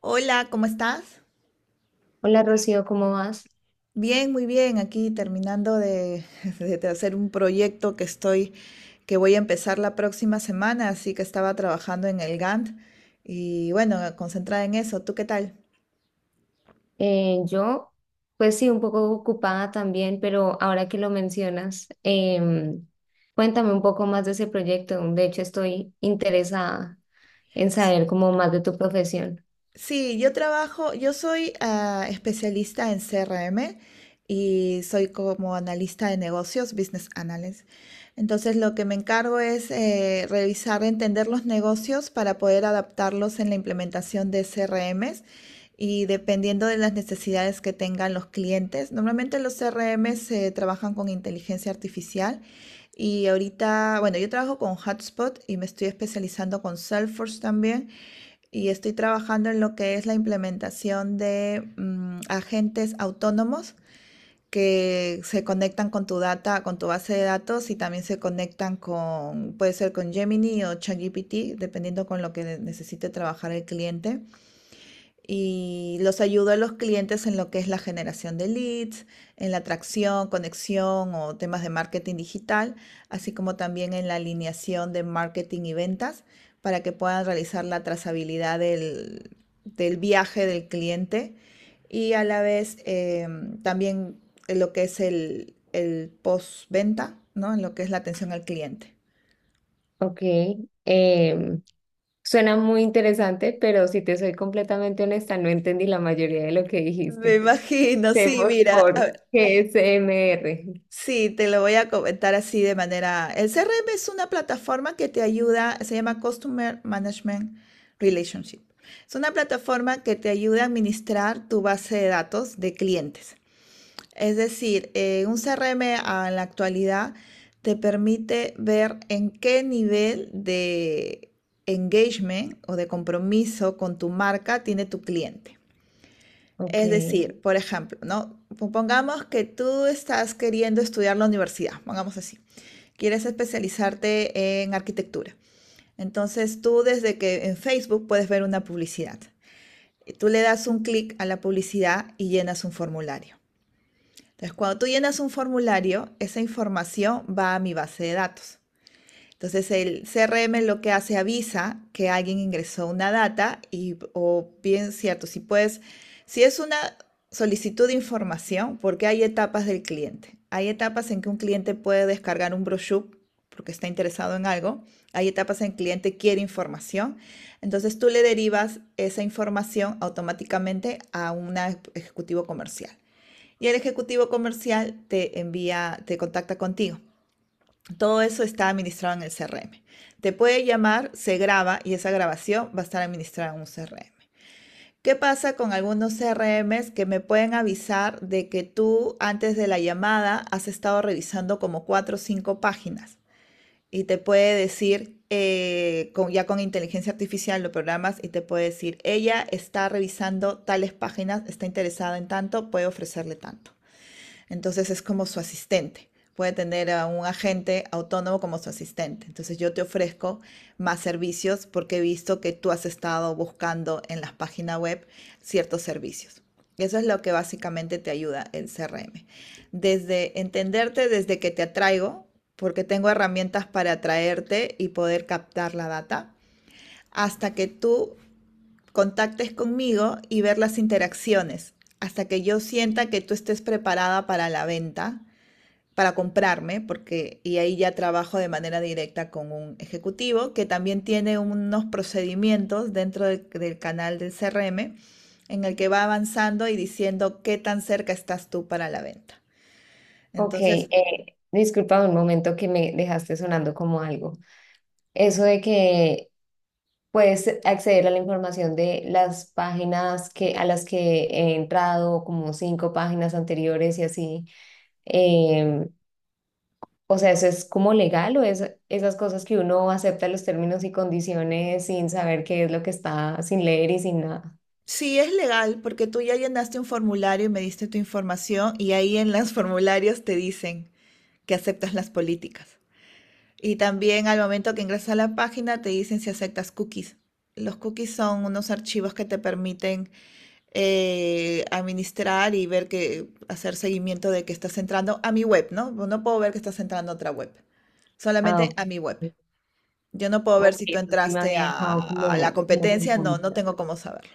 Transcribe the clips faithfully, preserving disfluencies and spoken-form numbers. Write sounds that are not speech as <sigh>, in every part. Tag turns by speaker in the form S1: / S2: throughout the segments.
S1: Hola, ¿cómo estás?
S2: Hola Rocío, ¿cómo vas?
S1: Bien, muy bien. Aquí terminando de, <laughs> de hacer un proyecto que estoy, que voy a empezar la próxima semana, así que estaba trabajando en el Gantt y bueno, concentrada en eso. ¿Tú qué tal?
S2: Eh, yo, pues sí, un poco ocupada también, pero ahora que lo mencionas, em, cuéntame un poco más de ese proyecto. De hecho, estoy interesada en saber como más de tu profesión.
S1: Sí, yo trabajo, yo soy ah, especialista en C R M y soy como analista de negocios, business analyst. Entonces, lo que me encargo es eh, revisar, entender los negocios para poder adaptarlos en la implementación de C R Ms y dependiendo de las necesidades que tengan los clientes. Normalmente los C R M se trabajan con inteligencia artificial y ahorita, bueno, yo trabajo con Hotspot y me estoy especializando con Salesforce también, y estoy trabajando en lo que es la implementación de mm, agentes autónomos que se conectan con tu data, con tu base de datos, y también se conectan con, puede ser con Gemini o ChatGPT, dependiendo con lo que necesite trabajar el cliente, y los ayudo a los clientes en lo que es la generación de leads, en la atracción, conexión o temas de marketing digital, así como también en la alineación de marketing y ventas para que puedan realizar la trazabilidad del, del viaje del cliente, y a la vez eh, también en lo que es el, el postventa, ¿no? En lo que es la atención al cliente.
S2: Ok, em, suena muy interesante, pero si te soy completamente honesta, no entendí la mayoría de lo que
S1: Me
S2: dijiste.
S1: imagino, sí,
S2: Vemos
S1: mira,
S2: por
S1: a-
S2: G S M R.
S1: Sí, te lo voy a comentar así de manera. El C R M es una plataforma que te ayuda, se llama Customer Management Relationship. Es una plataforma que te ayuda a administrar tu base de datos de clientes. Es decir, eh, un C R M a- en la actualidad te permite ver en qué nivel de engagement o de compromiso con tu marca tiene tu cliente.
S2: Ok,
S1: Es decir, por ejemplo, ¿no? Pongamos que tú estás queriendo estudiar la universidad, pongamos así. Quieres especializarte en arquitectura. Entonces tú desde que en Facebook puedes ver una publicidad. Tú le das un clic a la publicidad y llenas un formulario. Entonces, cuando tú llenas un formulario, esa información va a mi base de datos. Entonces el C R M lo que hace avisa que alguien ingresó una data y o bien cierto, si puedes, si es una solicitud de información, porque hay etapas del cliente. Hay etapas en que un cliente puede descargar un brochure porque está interesado en algo. Hay etapas en que el cliente quiere información. Entonces tú le derivas esa información automáticamente a un ejecutivo comercial. Y el ejecutivo comercial te envía, te contacta contigo. Todo eso está administrado en el C R M. Te puede llamar, se graba y esa grabación va a estar administrada en un C R M. ¿Qué pasa con algunos C R Ms que me pueden avisar de que tú antes de la llamada has estado revisando como cuatro o cinco páginas? Y te puede decir, eh, con, ya con inteligencia artificial lo programas y te puede decir, ella está revisando tales páginas, está interesada en tanto, puede ofrecerle tanto. Entonces es como su asistente. Puede tener a un agente autónomo como su asistente. Entonces yo te ofrezco más servicios porque he visto que tú has estado buscando en las páginas web ciertos servicios. Eso es lo que básicamente te ayuda el C R M. Desde entenderte, desde que te atraigo, porque tengo herramientas para atraerte y poder captar la data, hasta que tú contactes conmigo y ver las interacciones, hasta que yo sienta que tú estés preparada para la venta para comprarme, porque y ahí ya trabajo de manera directa con un ejecutivo que también tiene unos procedimientos dentro del, del canal del C R M en el que va avanzando y diciendo qué tan cerca estás tú para la venta.
S2: ok,
S1: Entonces,
S2: eh, disculpa un momento que me dejaste sonando como algo. Eso de que puedes acceder a la información de las páginas que, a las que he entrado, como cinco páginas anteriores y así. Em, o sea, ¿eso es como legal o es esas cosas que uno acepta los términos y condiciones sin saber qué es lo que está, sin leer y sin nada?
S1: sí es legal porque tú ya llenaste un formulario y me diste tu información y ahí en los <laughs> formularios te dicen que aceptas las políticas. Y también al momento que ingresas a la página te dicen si aceptas cookies. Los cookies son unos archivos que te permiten eh, administrar y ver que hacer seguimiento de que estás entrando a mi web, ¿no? Pues no puedo ver que estás entrando a otra web,
S2: Ah,
S1: solamente
S2: ok.
S1: a mi web. Yo no puedo ver
S2: Ok,
S1: si tú
S2: eso sí me
S1: entraste
S2: había dejado
S1: a, a la
S2: como, como
S1: competencia, no, no
S2: confundida.
S1: tengo cómo saberlo.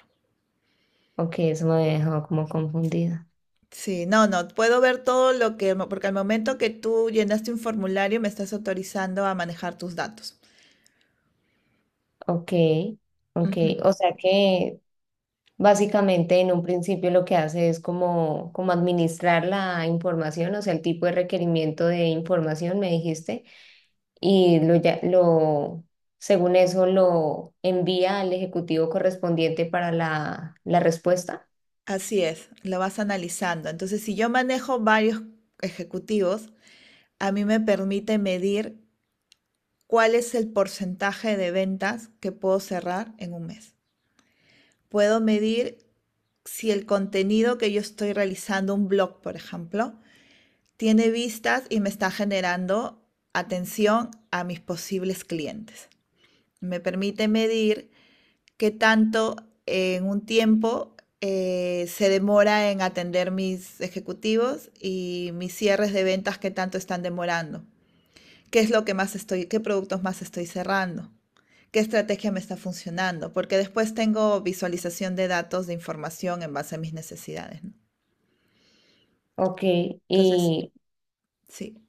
S2: Ok, eso me había dejado como confundida.
S1: Sí, no, no, puedo ver todo lo que, mo- porque al momento que tú llenaste un formulario me estás autorizando a manejar tus datos.
S2: Ok, ok.
S1: Ujú.
S2: O sea que básicamente, en un principio lo que hace es como, como administrar la información, o sea, el tipo de requerimiento de información, me dijiste, y lo, ya- lo, según eso lo envía al ejecutivo correspondiente para la, la respuesta.
S1: Así es, lo vas analizando. Entonces, si yo manejo varios ejecutivos, a mí me permite medir cuál es el porcentaje de ventas que puedo cerrar en un mes. Puedo medir si el contenido que yo estoy realizando, un blog, por ejemplo, tiene vistas y me está generando atención a mis posibles clientes. Me permite medir qué tanto en un tiempo eh, se demora en atender mis ejecutivos y mis cierres de ventas qué tanto están demorando, qué es lo que más estoy, qué productos más estoy cerrando, qué estrategia me está funcionando, porque después tengo visualización de datos, de información en base a mis necesidades, ¿no?
S2: Ok,
S1: Entonces,
S2: y
S1: sí.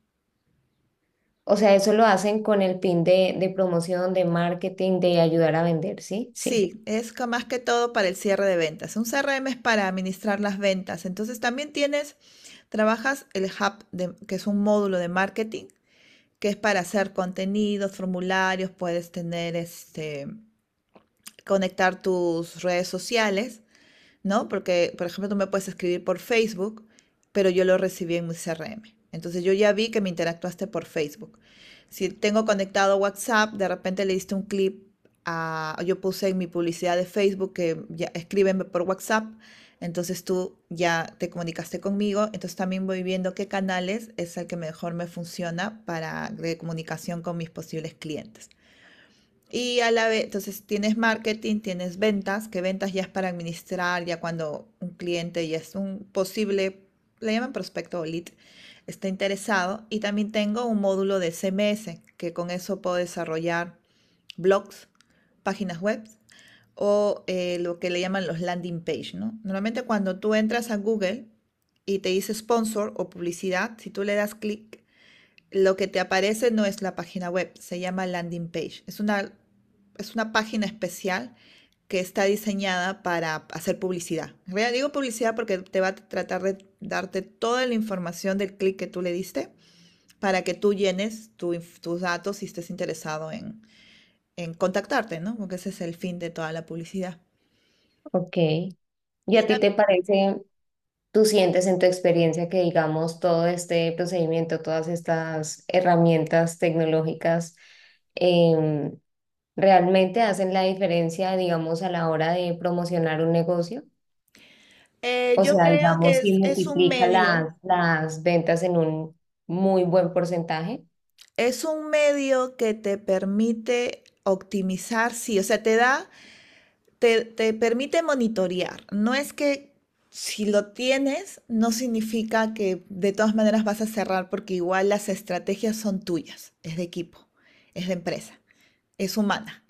S2: o sea, eso lo hacen con el fin de, de promoción, de marketing, de ayudar a vender, ¿sí? Sí,
S1: Sí, es ca- más que todo para el cierre de ventas. Un C R M es para administrar las ventas. Entonces también tienes, trabajas el hub, de- que es un módulo de marketing, que es para hacer contenidos, formularios, puedes tener este, conectar tus redes sociales. ¿No? Porque, por ejemplo, tú me puedes escribir por Facebook, pero yo lo recibí en mi C R M. Entonces yo ya vi que me interactuaste por Facebook. Si tengo conectado WhatsApp, de repente le diste un clip a, yo puse en mi publicidad de Facebook que ya escríbeme por WhatsApp, entonces tú ya te comunicaste conmigo, entonces también voy viendo qué canales es el que mejor me funciona para de comunicación con mis posibles clientes. Y a la vez, entonces tienes marketing, tienes ventas, que ventas ya es para administrar, ya cuando un cliente ya es un posible, le llaman prospecto o lead, está interesado. Y también tengo un módulo de C M S, que con eso puedo desarrollar blogs, páginas web o eh, lo que le llaman los landing page, ¿no? Normalmente cuando tú entras a Google y te dice sponsor o publicidad, si tú le das clic, lo que te aparece no es la página web, se llama landing page. Es una, es una página especial que está diseñada para hacer publicidad. En realidad digo publicidad porque te va a tratar de darte toda la información del clic que tú le diste para que tú llenes tu tus datos si estés interesado en, en contactarte, ¿no? Porque ese es el fin de toda la publicidad.
S2: ok. ¿Y
S1: Y
S2: a ti
S1: tam-
S2: te parece? ¿Tú sientes en tu experiencia que, digamos, todo este procedimiento, todas estas herramientas tecnológicas, em, realmente hacen la diferencia, digamos, a la hora de promocionar un negocio?
S1: eh,
S2: O
S1: yo
S2: sea,
S1: creo que
S2: digamos, ¿si
S1: es, es un
S2: multiplica
S1: medio,
S2: las, las ventas en un muy buen porcentaje?
S1: es un medio que te permite optimizar, sí, o sea, te da te, te permite monitorear. No es que si lo tienes, no significa que de todas maneras vas a cerrar porque igual las estrategias son tuyas, es de equipo, es de empresa, es humana.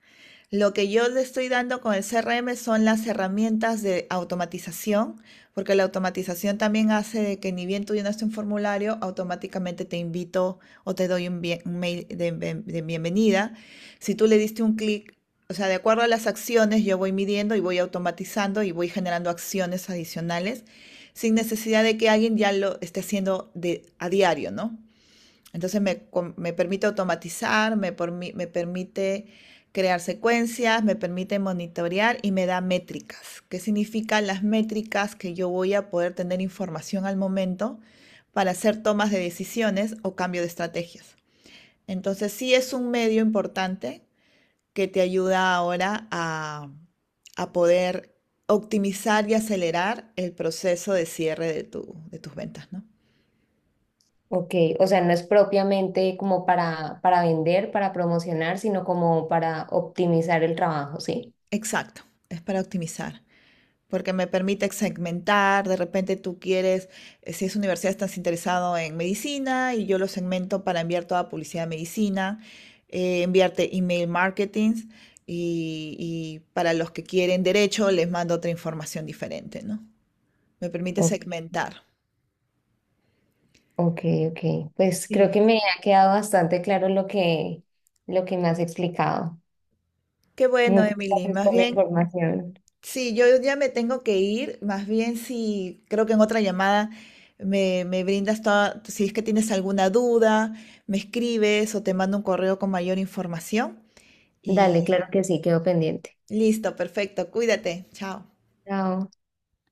S1: Lo que yo le estoy dando con el C R M son las herramientas de automatización, porque la automatización también hace de que ni bien tú llenaste un formulario, automáticamente te invito o te doy un, bien- un mail de, de bienvenida. Si tú le diste un clic, o sea, de acuerdo a las acciones, yo voy midiendo y voy automatizando y voy generando acciones adicionales sin necesidad de que alguien ya lo esté haciendo de, a diario, ¿no? Entonces me, me permite automatizar, me, me permite crear secuencias, me permite monitorear y me da métricas. ¿Qué significan las métricas? Que yo voy a poder tener información al momento para hacer tomas de decisiones o cambio de estrategias. Entonces sí es un medio importante que te ayuda ahora a, a poder optimizar y acelerar el proceso de cierre de, tu- de tus ventas, ¿no?
S2: Ok, o sea, no es propiamente como para, para vender, para promocionar, sino como para optimizar el trabajo, ¿sí?
S1: Exacto, es para optimizar, porque me permite segmentar, de repente tú quieres, eh, si es universidad, estás interesado en medicina y yo lo segmento para enviar toda publicidad de medicina, eh, enviarte email marketing y, y para los que quieren derecho les mando otra información diferente, ¿no? Me permite segmentar.
S2: Ok, ok. Pues creo que
S1: Sí,
S2: me ha quedado bastante claro lo que, lo que me has explicado.
S1: qué bueno,
S2: Muchas
S1: Emily.
S2: gracias
S1: Más
S2: por la
S1: bien,
S2: información.
S1: sí, yo ya me tengo que ir. Más bien, si creo que en otra llamada me, me brindas toda, si es que tienes alguna duda, me escribes o te mando un correo con mayor información.
S2: Dale, claro
S1: Y
S2: que sí, quedo pendiente.
S1: listo, perfecto. Cuídate. Chao.
S2: Chao.